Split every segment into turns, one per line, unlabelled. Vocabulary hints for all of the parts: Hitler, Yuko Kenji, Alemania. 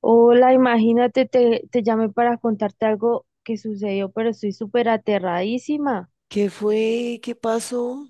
Hola, imagínate, te llamé para contarte algo que sucedió, pero estoy súper aterradísima.
¿Qué fue? ¿Qué pasó?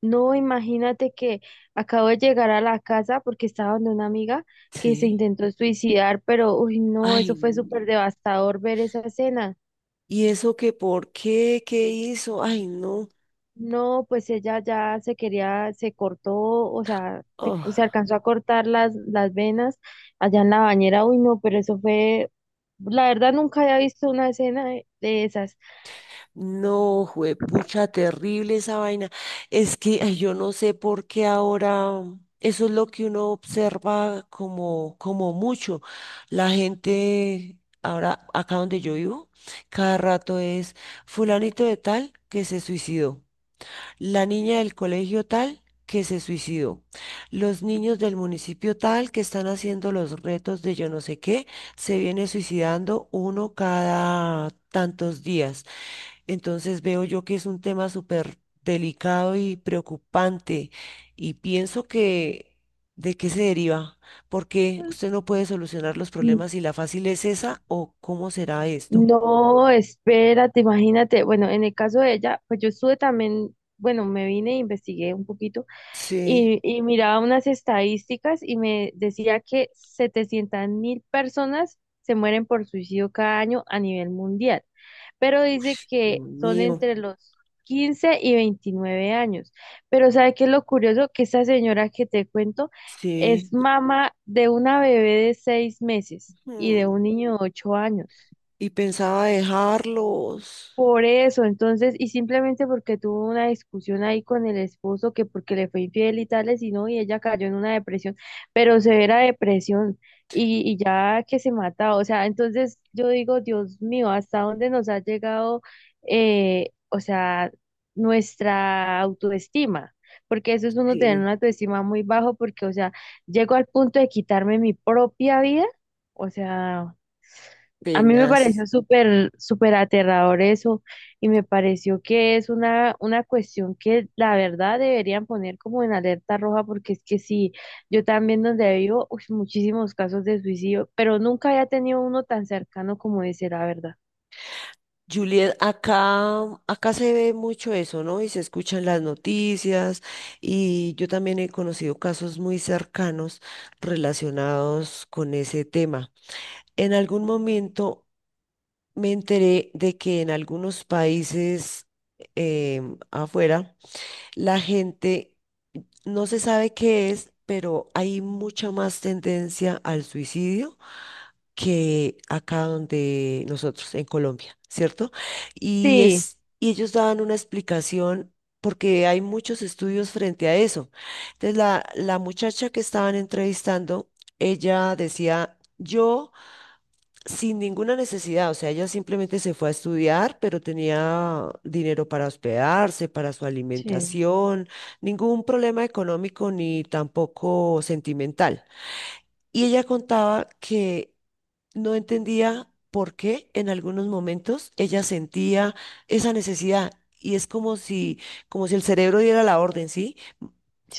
No, imagínate que acabo de llegar a la casa porque estaba donde una amiga que se
Sí.
intentó suicidar, pero uy, no, eso
Ay,
fue
no.
súper devastador ver esa escena.
¿Y eso qué, por qué? ¿Qué hizo? Ay, no.
No, pues ella ya se quería, se cortó, o sea, se
Ah,
alcanzó a cortar las venas allá en la bañera. Uy, no, pero eso fue, la verdad nunca había visto una escena de esas.
no, juepucha, terrible esa vaina. Es que ay, yo no sé por qué ahora. Eso es lo que uno observa como mucho. La gente, ahora acá donde yo vivo, cada rato es fulanito de tal que se suicidó, la niña del colegio tal que se suicidó, los niños del municipio tal que están haciendo los retos de yo no sé qué, se viene suicidando uno cada tantos días. Entonces veo yo que es un tema súper delicado y preocupante y pienso que ¿de qué se deriva? Porque usted no puede solucionar los problemas y la fácil es esa, ¿o cómo será esto?
No, espérate, imagínate. Bueno, en el caso de ella, pues yo estuve también, bueno, me vine e investigué un poquito
Sí,
y miraba unas estadísticas y me decía que 700.000 personas se mueren por suicidio cada año a nivel mundial, pero dice
Dios
que son
mío,
entre los 15 y 29 años. Pero ¿sabe qué es lo curioso? Que esa señora que te cuento
sí.
es mamá de una bebé de 6 meses y de un
Mm.
niño de 8 años.
Y pensaba dejarlos.
Por eso, entonces, y simplemente porque tuvo una discusión ahí con el esposo, que porque le fue infiel y tales, y no, y ella cayó en una depresión, pero severa depresión, y ya que se mata, o sea, entonces yo digo, Dios mío, ¿hasta dónde nos ha llegado, o sea, nuestra autoestima? Porque eso es uno tener
Sí.
una autoestima muy bajo, porque, o sea, llego al punto de quitarme mi propia vida, o sea. A mí me
Penas.
pareció súper, súper aterrador eso y me pareció que es una cuestión que la verdad deberían poner como en alerta roja porque es que sí, yo también donde vivo, uy, muchísimos casos de suicidio, pero nunca había tenido uno tan cercano como ese, la verdad.
Juliet, acá se ve mucho eso, ¿no? Y se escuchan las noticias, y yo también he conocido casos muy cercanos relacionados con ese tema. En algún momento me enteré de que en algunos países, afuera, la gente, no se sabe qué es, pero hay mucha más tendencia al suicidio que acá donde nosotros, en Colombia, ¿cierto? Y
Sí,
es, y ellos daban una explicación porque hay muchos estudios frente a eso. Entonces, la muchacha que estaban entrevistando, ella decía, yo sin ninguna necesidad, o sea, ella simplemente se fue a estudiar, pero tenía dinero para hospedarse, para su
sí,
alimentación, ningún problema económico ni tampoco sentimental. Y ella contaba que no entendía por qué en algunos momentos ella sentía esa necesidad, y es como si el cerebro diera la orden, ¿sí?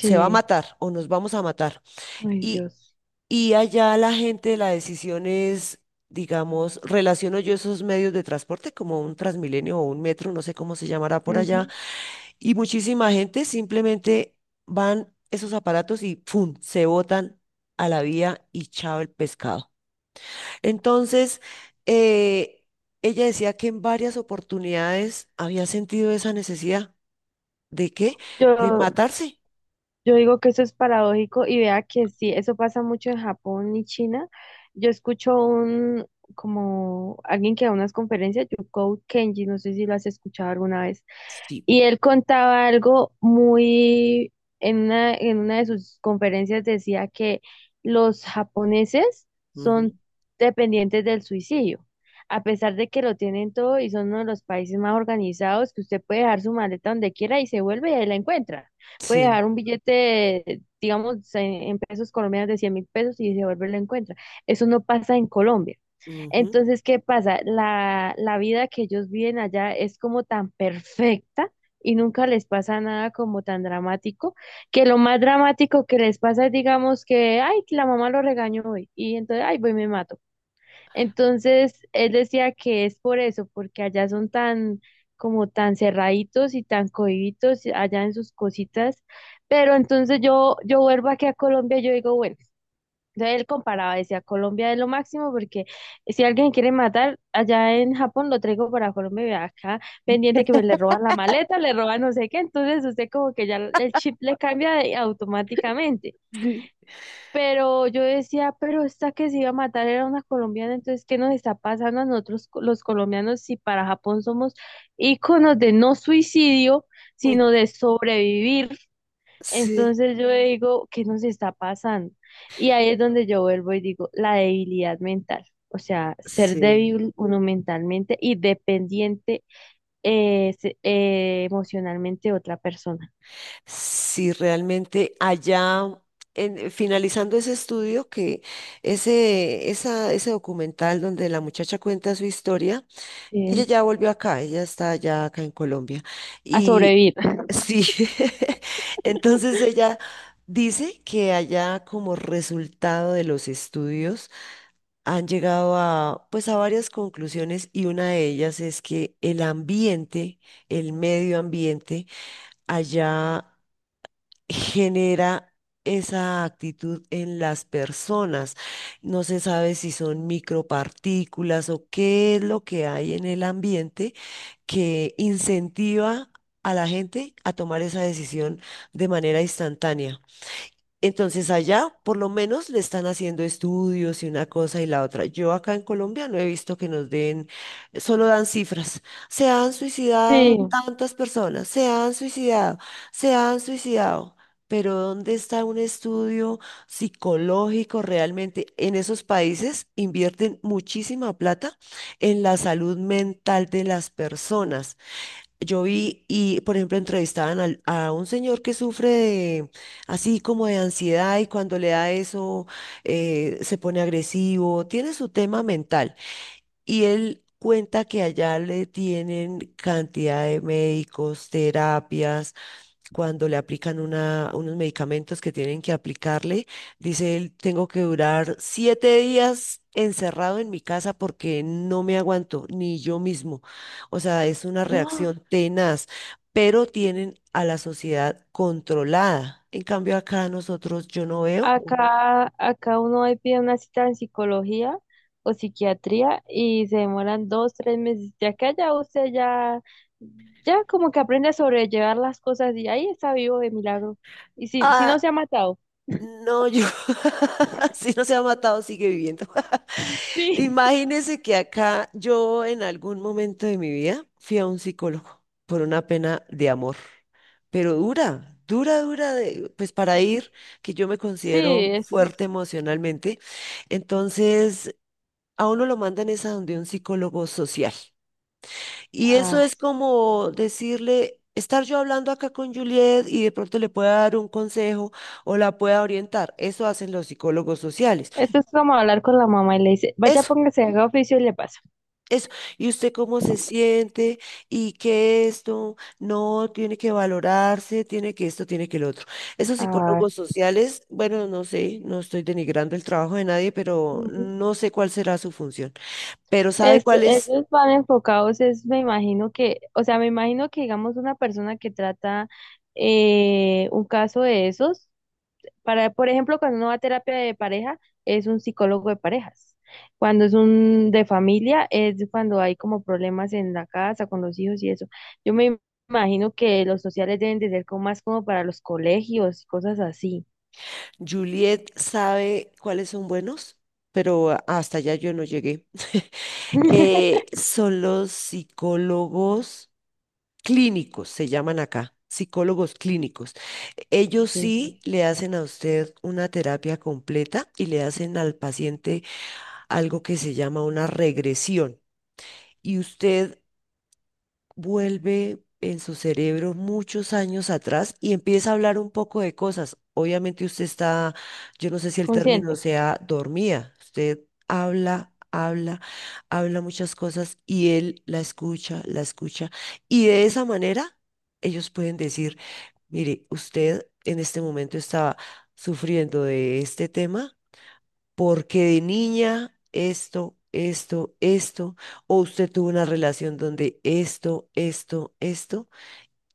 Se va a matar o nos vamos a matar.
ay
Y,
Dios.
y allá la gente, la decisión es, digamos, relaciono yo esos medios de transporte como un Transmilenio o un metro, no sé cómo se llamará por allá,
Ujú.
y muchísima gente simplemente van esos aparatos y ¡pum!, se botan a la vía y chao el pescado. Entonces, eh, ella decía que en varias oportunidades había sentido esa necesidad. ¿De qué? De
Yo,
matarse.
Yo digo que eso es paradójico y vea que sí, eso pasa mucho en Japón y China. Yo escucho un, como alguien que da unas conferencias, Yuko Kenji, no sé si lo has escuchado alguna vez.
Sí.
Y él contaba algo muy, en una de sus conferencias decía que los japoneses son
Ujú.
dependientes del suicidio, a pesar de que lo tienen todo y son uno de los países más organizados, que usted puede dejar su maleta donde quiera y se vuelve y ahí la encuentra. Puede
Sí.
dejar un billete, digamos, en pesos colombianos de 100.000 pesos y se vuelve y la encuentra. Eso no pasa en Colombia.
Ujú.
Entonces, ¿qué pasa? La vida que ellos viven allá es como tan perfecta y nunca les pasa nada como tan dramático, que lo más dramático que les pasa es, digamos, que, ay, que la mamá lo regañó hoy y entonces, ay, voy, y me mato. Entonces, él decía que es por eso, porque allá son tan, como tan cerraditos y tan cohibitos allá en sus cositas, pero entonces yo vuelvo aquí a Colombia y yo digo, bueno. Entonces él comparaba, decía, Colombia es lo máximo porque si alguien quiere matar allá en Japón, lo traigo para Colombia y acá pendiente que me le roban la maleta, le roban no sé qué, entonces usted como que ya el chip le cambia automáticamente.
Sí.
Pero yo decía, pero esta que se iba a matar era una colombiana, entonces ¿qué nos está pasando a nosotros los colombianos si para Japón somos íconos de no suicidio,
Mm,
sino de sobrevivir?
sí,
Entonces yo digo, ¿qué nos está pasando? Y ahí es donde yo vuelvo y digo, la debilidad mental. O sea, ser
sí.
débil uno mentalmente y dependiente emocionalmente de otra persona.
Sí, realmente allá, finalizando ese estudio, que ese documental donde la muchacha cuenta su historia, ella
Sí.
ya volvió acá, ella está ya acá en Colombia.
A
Y
sobrevivir.
sí, entonces ella dice que allá, como resultado de los estudios, han llegado a pues a varias conclusiones, y una de ellas es que el ambiente, el medio ambiente allá, genera esa actitud en las personas. No se sabe si son micropartículas o qué es lo que hay en el ambiente que incentiva a la gente a tomar esa decisión de manera instantánea. Entonces allá por lo menos le están haciendo estudios y una cosa y la otra. Yo acá en Colombia no he visto que nos den, solo dan cifras. Se han suicidado
Sí.
tantas personas, se han suicidado, se han suicidado. Pero ¿dónde está un estudio psicológico realmente? En esos países invierten muchísima plata en la salud mental de las personas. Yo vi y, por ejemplo, entrevistaban a un señor que sufre de, así como de ansiedad, y cuando le da eso se pone agresivo, tiene su tema mental, y él cuenta que allá le tienen cantidad de médicos, terapias, cuando le aplican unos medicamentos que tienen que aplicarle, dice él, tengo que durar 7 días encerrado en mi casa porque no me aguanto ni yo mismo. O sea, es una reacción tenaz, pero tienen a la sociedad controlada. En cambio, acá nosotros yo no veo.
Acá, acá uno ahí pide una cita en psicología o psiquiatría y se demoran 2, 3 meses. Ya que allá usted ya, ya como que aprende a sobrellevar las cosas y ahí está vivo de milagro. Y si no se
Ah,
ha matado.
no, yo, si no se ha matado, sigue viviendo.
Sí.
Imagínese que acá yo en algún momento de mi vida fui a un psicólogo por una pena de amor, pero pues para ir, que yo me
Sí,
considero
eso
fuerte
es.
emocionalmente, entonces a uno lo mandan es a donde un psicólogo social. Y eso
Ah,
es como decirle... Estar yo hablando acá con Juliet y de pronto le pueda dar un consejo o la pueda orientar. Eso hacen los psicólogos sociales.
esto es como hablar con la mamá y le dice, vaya,
Es
póngase, haga oficio y le pasa.
Eso, y usted cómo se siente, y que esto no tiene que valorarse, tiene que esto, tiene que el otro. Esos
Ah,
psicólogos sociales, bueno, no sé, no estoy denigrando el trabajo de nadie, pero no sé cuál será su función. Pero sabe
es,
cuáles,
ellos van enfocados, es, me imagino que, o sea, me imagino que digamos una persona que trata un caso de esos, para, por ejemplo, cuando uno va a terapia de pareja, es un psicólogo de parejas. Cuando es un de familia, es cuando hay como problemas en la casa, con los hijos y eso. Yo me imagino que los sociales deben de ser como más como para los colegios y cosas así.
Juliet sabe cuáles son buenos, pero hasta allá yo no llegué. Son los psicólogos clínicos, se llaman acá, psicólogos clínicos. Ellos
Sí,
sí le hacen a usted una terapia completa y le hacen al paciente algo que se llama una regresión. Y usted vuelve en su cerebro muchos años atrás y empieza a hablar un poco de cosas. Obviamente usted está, yo no sé si el término
consciente.
sea dormida, usted habla, habla, habla muchas cosas y él la escucha, la escucha. Y de esa manera ellos pueden decir, mire, usted en este momento estaba sufriendo de este tema porque de niña esto, esto, esto, o usted tuvo una relación donde esto,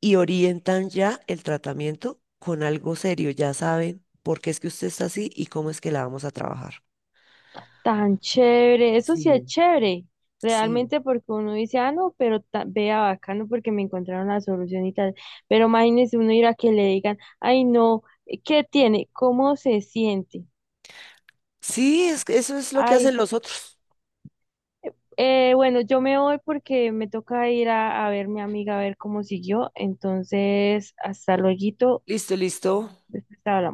y orientan ya el tratamiento con algo serio, ya saben por qué es que usted está así y cómo es que la vamos a trabajar.
Tan chévere, eso sí es
Sí,
chévere,
sí.
realmente porque uno dice, ah, no, pero vea bacano porque me encontraron la solución y tal, pero imagínese uno ir a que le digan, ay, no, ¿qué tiene? ¿Cómo se siente?
Sí, es que eso es lo que
Ay,
hacen los otros.
bueno, yo me voy porque me toca ir a, ver mi amiga a ver cómo siguió, entonces, hasta luego,
Listo, listo.
después hablamos.